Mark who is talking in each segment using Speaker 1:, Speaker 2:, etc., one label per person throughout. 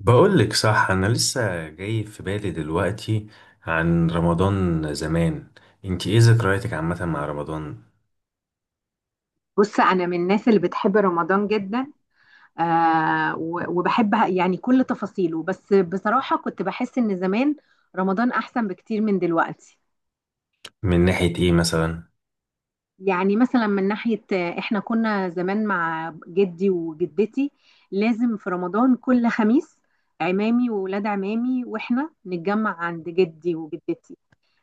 Speaker 1: بقولك صح، أنا لسه جاي في بالي دلوقتي عن رمضان زمان. انتي ايه ذكرياتك عامة مع رمضان؟
Speaker 2: بص انا من الناس اللي بتحب رمضان جدا. وبحب يعني كل تفاصيله، بس بصراحة كنت بحس ان زمان رمضان احسن بكتير من دلوقتي.
Speaker 1: من ناحية ايه مثلا؟
Speaker 2: يعني مثلا من ناحية احنا كنا زمان مع جدي وجدتي لازم في رمضان كل خميس عمامي وولاد عمامي واحنا نتجمع عند جدي وجدتي.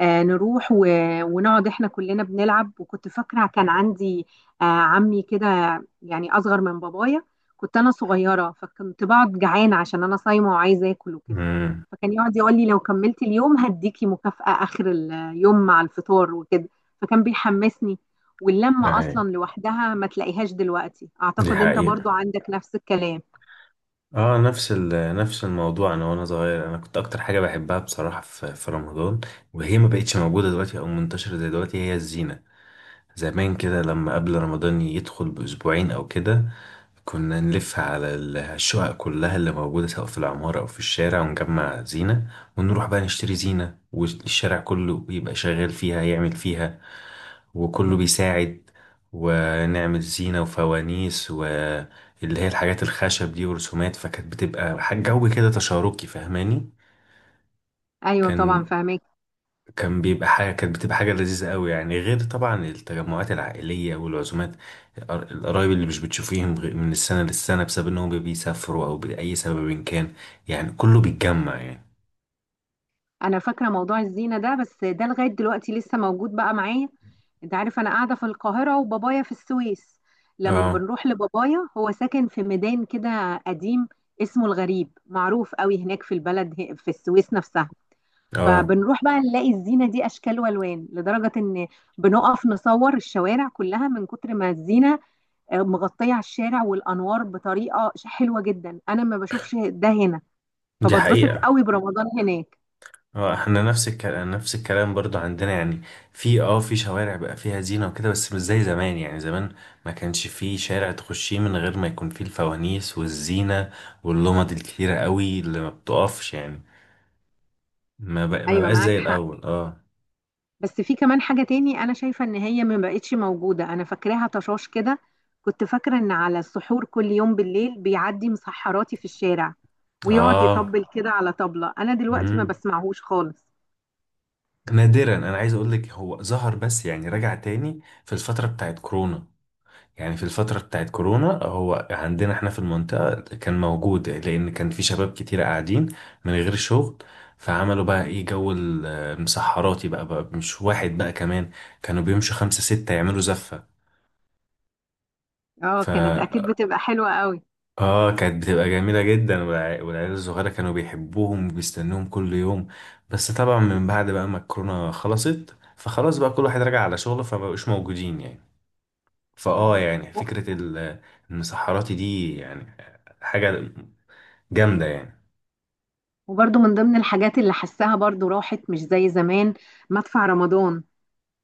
Speaker 2: نروح ونقعد احنا كلنا بنلعب، وكنت فاكره كان عندي، عمي كده يعني اصغر من بابايا. كنت انا صغيره فكنت بقعد جعانه عشان انا صايمه وعايزه اكل وكده،
Speaker 1: امم.
Speaker 2: فكان يقعد يقول لي لو كملت اليوم هديكي مكافأة اخر اليوم مع الفطار وكده، فكان بيحمسني. واللمه
Speaker 1: اهي.
Speaker 2: اصلا لوحدها ما تلاقيهاش دلوقتي،
Speaker 1: دي
Speaker 2: اعتقد انت
Speaker 1: حقيقة.
Speaker 2: برضو عندك نفس الكلام.
Speaker 1: اه، نفس نفس الموضوع. انا وانا صغير انا كنت اكتر حاجة بحبها بصراحة في رمضان، وهي ما بقتش موجودة دلوقتي او منتشرة زي دلوقتي، هي الزينة. زمان كده لما قبل رمضان يدخل بأسبوعين او كده، كنا نلف على الشقق كلها اللي موجودة سواء في العمارة أو في الشارع ونجمع زينة، ونروح بقى نشتري زينة، والشارع كله يبقى شغال فيها يعمل فيها وكله بيساعد، ونعمل زينة وفوانيس واللي هي الحاجات الخشب دي ورسومات. فكانت بتبقى حاجة جو كده، تشاركي، فاهماني؟
Speaker 2: ايوه طبعا
Speaker 1: كان
Speaker 2: فاهمك.
Speaker 1: كان بيبقى حاجة، كانت بتبقى حاجة لذيذة قوي يعني، غير طبعا التجمعات العائلية والعزومات. القرايب اللي مش بتشوفيهم من السنة للسنة بسبب انهم بيسافروا او بأي سبب إن كان. يعني كله بيتجمع يعني.
Speaker 2: انا فاكره موضوع الزينه ده، بس ده لغايه دلوقتي لسه موجود بقى معايا. انت عارف انا قاعده في القاهره وبابايا في السويس، لما
Speaker 1: اه.
Speaker 2: بنروح لبابايا هو ساكن في ميدان كده قديم اسمه الغريب، معروف قوي هناك في البلد في السويس نفسها.
Speaker 1: اه،
Speaker 2: فبنروح بقى نلاقي الزينه دي اشكال والوان، لدرجه ان بنقف نصور الشوارع كلها من كتر ما الزينه مغطيه على الشارع، والانوار بطريقه حلوه جدا. انا ما بشوفش ده هنا،
Speaker 1: دي
Speaker 2: فبتبسط
Speaker 1: حقيقة.
Speaker 2: قوي برمضان هناك.
Speaker 1: اه، احنا نفس الكلام، نفس الكلام برضو عندنا يعني. في اه، في شوارع بقى فيها زينة وكده، بس مش زي زمان. يعني زمان ما كانش في شارع تخشيه من غير ما يكون فيه الفوانيس والزينة واللمض الكتيرة قوي اللي ما بتقفش يعني. ما
Speaker 2: ايوه
Speaker 1: بقاش
Speaker 2: معاك
Speaker 1: زي
Speaker 2: حق.
Speaker 1: الاول، اه.
Speaker 2: بس في كمان حاجة تاني أنا شايفة إن هي ما بقتش موجودة، أنا فاكراها طشاش كده. كنت فاكرة إن على السحور كل يوم بالليل بيعدي مسحراتي في الشارع ويقعد
Speaker 1: اه.
Speaker 2: يطبل كده على طبلة، أنا دلوقتي ما
Speaker 1: امم.
Speaker 2: بسمعهوش خالص.
Speaker 1: نادرا، انا عايز اقول لك هو ظهر بس، يعني رجع تاني في الفتره بتاعت كورونا. يعني في الفتره بتاعت كورونا هو عندنا احنا في المنطقه كان موجود، لان كان في شباب كتير قاعدين من غير شغل. فعملوا بقى ايه، جو المسحراتي، بقى مش واحد بقى كمان، كانوا بيمشوا خمسة ستة يعملوا زفة.
Speaker 2: اه
Speaker 1: ف
Speaker 2: كانت أكيد بتبقى حلوة قوي.
Speaker 1: اه، كانت بتبقى جميلة جدا. والعيال الصغيرة كانوا بيحبوهم وبيستنوهم كل يوم. بس طبعا من بعد بقى ما الكورونا خلصت، فخلاص بقى كل واحد راجع على شغله، فمبقوش موجودين يعني. فاه،
Speaker 2: مم.
Speaker 1: يعني
Speaker 2: و-
Speaker 1: فكرة المسحراتي دي يعني حاجة جامدة يعني.
Speaker 2: وبرضو من ضمن الحاجات اللي حساها برضو راحت مش زي زمان، مدفع رمضان.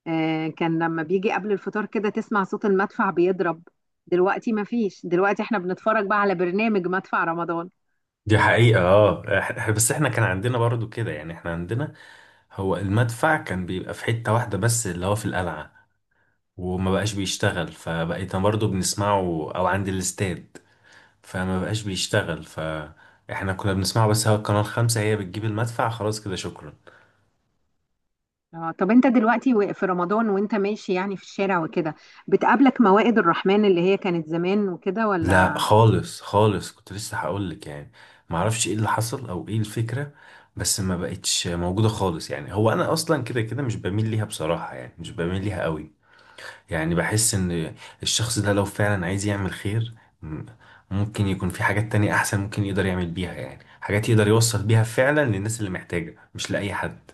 Speaker 2: آه كان لما بيجي قبل الفطار كده تسمع صوت المدفع بيضرب، دلوقتي ما فيش. دلوقتي احنا بنتفرج بقى على برنامج مدفع رمضان.
Speaker 1: دي حقيقة. اه، بس احنا كان عندنا برضو كده يعني. احنا عندنا هو المدفع كان بيبقى في حتة واحدة بس، اللي هو في القلعة، وما بقاش بيشتغل، فبقيت برضو بنسمعه او عند الاستاد، فما بقاش بيشتغل، فاحنا كنا بنسمعه. بس هو القناة الخامسة هي بتجيب المدفع، خلاص كده شكرا.
Speaker 2: اه طب انت دلوقتي في رمضان وانت ماشي يعني في الشارع وكده، بتقابلك موائد الرحمن اللي هي كانت زمان وكده
Speaker 1: لا،
Speaker 2: ولا؟
Speaker 1: خالص خالص. كنت لسه هقولك يعني. معرفش ايه اللي حصل او ايه الفكرة، بس ما بقتش موجودة خالص. يعني هو انا اصلا كده كده مش بميل ليها بصراحة يعني، مش بميل ليها قوي. يعني بحس ان الشخص ده لو فعلا عايز يعمل خير، م- ممكن يكون في حاجات تانية احسن ممكن يقدر يعمل بيها، يعني حاجات يقدر يوصل بيها فعلا للناس اللي محتاجة، مش لأي حد.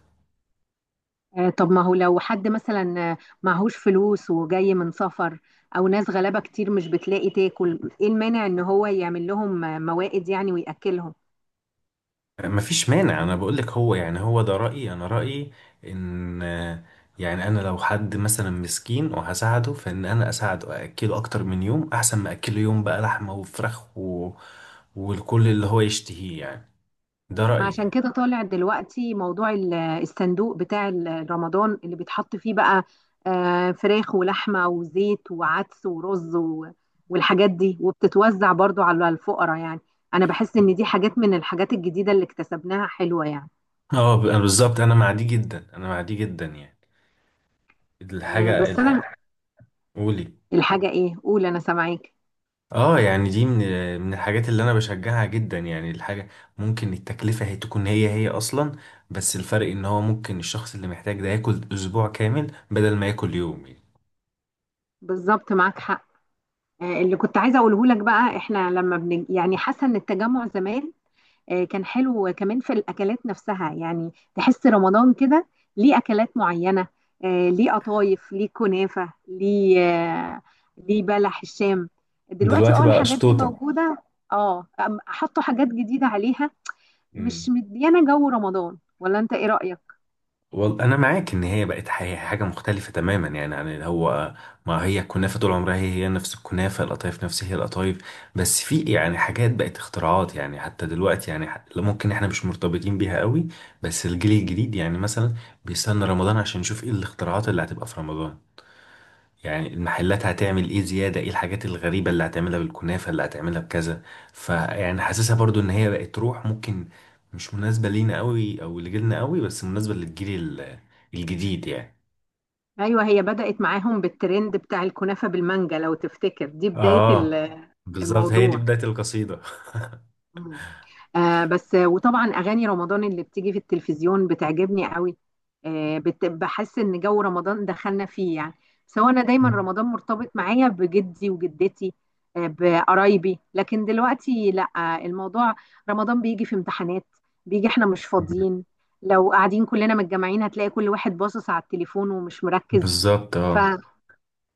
Speaker 2: آه، طب ما هو لو حد مثلا معهوش فلوس وجاي من سفر، او ناس غلابة كتير مش بتلاقي تاكل، ايه المانع ان هو يعمل لهم موائد يعني ويأكلهم؟
Speaker 1: مفيش مانع، انا بقولك هو يعني، هو ده رأيي، انا رأيي ان يعني انا لو حد مثلا مسكين وهساعده، فان انا اساعده اكله اكتر من يوم احسن ما اكله يوم بقى لحمة وفراخ و... والكل اللي هو يشتهيه يعني. ده
Speaker 2: ما
Speaker 1: رأيي
Speaker 2: عشان
Speaker 1: يعني.
Speaker 2: كده طالع دلوقتي موضوع الصندوق بتاع رمضان اللي بيتحط فيه بقى فراخ ولحمة وزيت وعدس ورز والحاجات دي، وبتتوزع برضو على الفقراء يعني. أنا بحس إن دي حاجات من الحاجات الجديدة اللي اكتسبناها حلوة يعني.
Speaker 1: اه، بالظبط. انا مع دي جدا، انا مع دي جدا يعني.
Speaker 2: بس أنا
Speaker 1: الحاجة، قولي.
Speaker 2: الحاجة إيه؟ قول أنا سامعاك.
Speaker 1: اه، يعني دي من الحاجات اللي انا بشجعها جدا يعني. الحاجة ممكن التكلفة هي تكون هي هي اصلا، بس الفرق ان هو ممكن الشخص اللي محتاج ده ياكل اسبوع كامل بدل ما ياكل يوم يعني.
Speaker 2: بالظبط معاك حق. اللي كنت عايزة أقوله لك بقى إحنا لما يعني حاسة إن التجمع زمان كان حلو، كمان في الأكلات نفسها يعني تحس رمضان كده ليه أكلات معينة ليه قطايف، ليه كنافة، ليه آه، ليه بلح الشام. دلوقتي
Speaker 1: دلوقتي
Speaker 2: اه
Speaker 1: بقى
Speaker 2: الحاجات دي
Speaker 1: قشطوطة.
Speaker 2: موجودة، اه حطوا حاجات جديدة عليها، مش
Speaker 1: مم.
Speaker 2: مديانة جو رمضان، ولا انت ايه رأيك؟
Speaker 1: والله انا معاك ان هي بقت حاجه مختلفه تماما يعني عن اللي هو، ما هي الكنافه طول عمرها هي هي نفس الكنافه، القطايف نفس هي القطايف، بس في يعني حاجات بقت اختراعات يعني. حتى دلوقتي يعني ممكن احنا مش مرتبطين بيها قوي، بس الجيل الجديد يعني مثلا بيستنى رمضان عشان يشوف ايه الاختراعات اللي هتبقى في رمضان. يعني المحلات هتعمل ايه زيادة، ايه الحاجات الغريبة اللي هتعملها بالكنافة، اللي هتعملها بكذا. فيعني حاسسها برضو ان هي بقت روح، ممكن مش مناسبة لينا قوي او لجيلنا قوي، بس مناسبة للجيل ال- الجديد يعني.
Speaker 2: ايوه، هي بدأت معاهم بالترند بتاع الكنافة بالمانجا، لو تفتكر دي بداية
Speaker 1: اه، بالظبط، هي دي
Speaker 2: الموضوع.
Speaker 1: بداية القصيدة.
Speaker 2: مم. آه، بس آه، وطبعا اغاني رمضان اللي بتيجي في التلفزيون بتعجبني قوي. بحس ان جو رمضان دخلنا فيه يعني. سواء انا دايما رمضان مرتبط معايا بجدي وجدتي آه بقرايبي، لكن دلوقتي لا. الموضوع رمضان بيجي في امتحانات، بيجي احنا مش فاضيين. لو قاعدين كلنا متجمعين هتلاقي كل واحد باصص على التليفون ومش مركز.
Speaker 1: بالظبط، اه.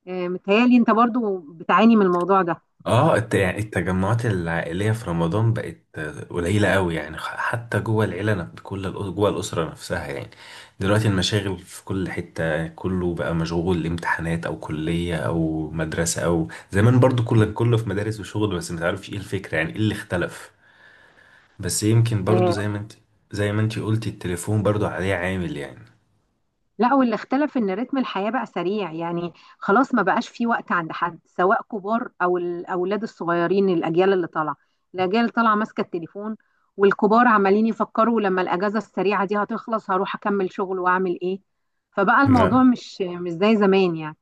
Speaker 2: فمتهيألي انت برضو بتعاني من الموضوع ده.
Speaker 1: اه، يعني التجمعات العائلية في رمضان بقت قليلة قوي يعني. حتى جوه العيلة كل جوه الأسرة نفسها يعني. دلوقتي المشاغل في كل حتة، كله بقى مشغول امتحانات أو كلية أو مدرسة. أو زمان برضو كل كله في مدارس وشغل، بس متعرفش ايه الفكرة يعني، ايه اللي اختلف. بس يمكن برضو
Speaker 2: آه،
Speaker 1: زي ما انت قلتي التليفون برضو عليه عامل يعني.
Speaker 2: لا، واللي اختلف ان رتم الحياة بقى سريع يعني. خلاص ما بقاش في وقت عند حد، سواء كبار او الاولاد الصغيرين، الاجيال اللي طالعة الاجيال اللي طالعة ماسكة التليفون، والكبار عمالين يفكروا لما الاجازة السريعة دي هتخلص هروح اكمل شغل واعمل ايه. فبقى الموضوع
Speaker 1: نعم.
Speaker 2: مش زي زمان يعني.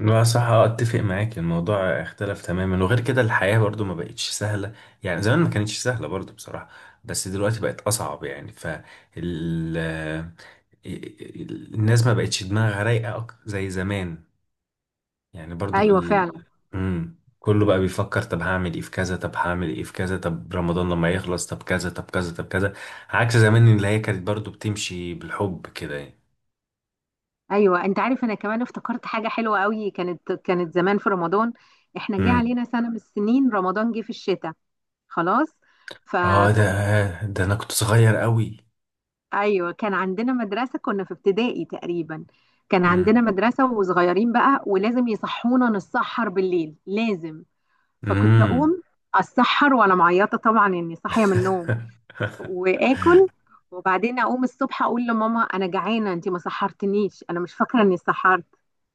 Speaker 1: لا صح، آه، اتفق معاك. الموضوع اختلف تماما. وغير كده الحياة برضو ما بقتش سهلة. يعني زمان ما كانتش سهلة برضو بصراحة، بس دلوقتي بقت اصعب يعني. الناس ما بقتش دماغها رايقة زي زمان. يعني برضو
Speaker 2: ايوه فعلا.
Speaker 1: مم. كله بقى بيفكر طب هعمل ايه في كذا، طب هعمل ايه في كذا، طب رمضان لما يخلص طب كذا طب كذا طب كذا. عكس زمان اللي هي كانت برضو بتمشي بالحب كده يعني.
Speaker 2: ايوه انت عارف انا كمان افتكرت حاجة حلوة قوي كانت، زمان في رمضان احنا جه
Speaker 1: مم.
Speaker 2: علينا سنة من السنين رمضان جه في الشتاء، خلاص. ف
Speaker 1: اه، ده انا كنت صغير قوي.
Speaker 2: ايوه كان عندنا مدرسه، كنا في ابتدائي تقريبا، كان عندنا مدرسه وصغيرين بقى ولازم يصحونا نتسحر بالليل لازم، فكنت
Speaker 1: امم.
Speaker 2: اقوم اتسحر وانا معيطه طبعا اني صاحيه من النوم واكل، وبعدين اقوم الصبح اقول لماما انا جعانه، انت ما سحرتنيش، انا مش فاكره اني سحرت.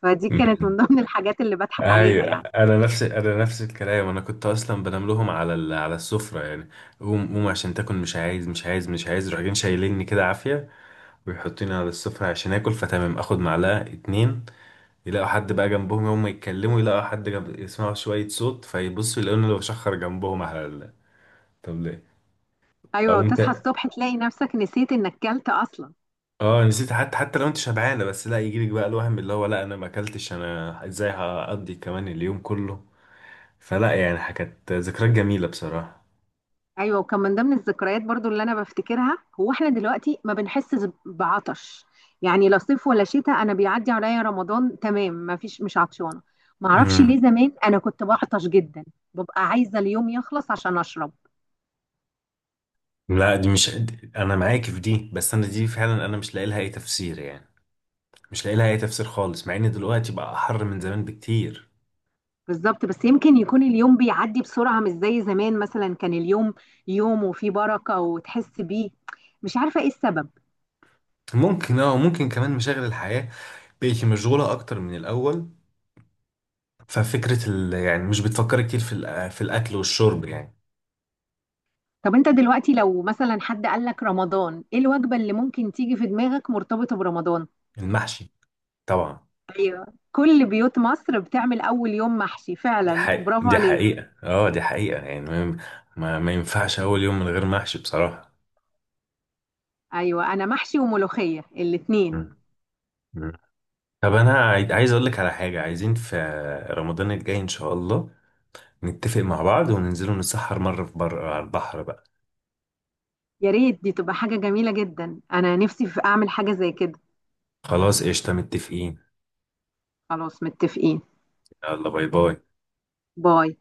Speaker 2: فدي كانت من
Speaker 1: مم.
Speaker 2: ضمن الحاجات اللي بضحك
Speaker 1: ايوه،
Speaker 2: عليها يعني.
Speaker 1: انا نفس، انا نفس الكلام. انا كنت اصلا بنام لهم على على السفره يعني. قوم قوم عشان تاكل، مش عايز مش عايز مش عايز، يروحوا جايين شايليني كده عافيه ويحطوني على السفره عشان اكل، فتمام اخد معلقه اتنين، يلاقوا حد بقى جنبهم يوم ما يتكلموا، يلاقوا حد جنب، يسمعوا شويه صوت، فيبصوا يلاقوني اللي بشخر جنبهم على طب ليه؟
Speaker 2: ايوه
Speaker 1: اقوم
Speaker 2: وتصحى
Speaker 1: تا...
Speaker 2: الصبح تلاقي نفسك نسيت انك كلت اصلا.
Speaker 1: اه، نسيت. حتى حتى لو انت شبعانه، بس لا يجيلك بقى الوهم اللي هو لا انا ما اكلتش، انا ازاي هقضي كمان اليوم كله. فلا يعني كانت ذكريات جميلة بصراحة.
Speaker 2: ايوه، وكان من ضمن الذكريات برضو اللي انا بفتكرها هو احنا دلوقتي ما بنحسش بعطش، يعني لا صيف ولا شتاء انا بيعدي عليا رمضان تمام ما فيش مش عطشانه. ما اعرفش
Speaker 1: امم.
Speaker 2: ليه زمان انا كنت بعطش جدا، ببقى عايزه اليوم يخلص عشان اشرب.
Speaker 1: لا دي مش انا معاك في دي، بس انا دي فعلا انا مش لاقي لها اي تفسير يعني. مش لاقي لها اي تفسير خالص، مع ان دلوقتي بقى احر من زمان بكتير.
Speaker 2: بالظبط، بس يمكن يكون اليوم بيعدي بسرعه مش زي زمان، مثلا كان اليوم يوم وفيه بركه وتحس بيه، مش عارفه ايه السبب.
Speaker 1: ممكن، اه ممكن كمان مشاغل الحياة بقت مشغولة اكتر من الاول. ففكرة يعني مش بتفكر كتير في في الاكل والشرب يعني.
Speaker 2: طب انت دلوقتي لو مثلا حد قال لك رمضان ايه الوجبه اللي ممكن تيجي في دماغك مرتبطه برمضان؟
Speaker 1: المحشي طبعا.
Speaker 2: كل بيوت مصر بتعمل اول يوم محشي،
Speaker 1: دي
Speaker 2: فعلا
Speaker 1: حقيقة،
Speaker 2: برافو
Speaker 1: دي
Speaker 2: عليك.
Speaker 1: حقيقة، اه دي حقيقة يعني. ما ينفعش اول يوم من غير محشي بصراحة.
Speaker 2: ايوه انا محشي وملوخيه الاتنين.
Speaker 1: مم. طب انا عايز اقول لك على حاجه، عايزين في رمضان الجاي ان شاء الله نتفق مع بعض وننزلوا نتسحر مره في بر على البحر بقى.
Speaker 2: يا ريت، دي تبقى حاجه جميله جدا، انا نفسي في اعمل حاجه زي كده.
Speaker 1: خلاص قشطه، متفقين.
Speaker 2: خلاص متفقين.
Speaker 1: يلا، باي باي.
Speaker 2: باي.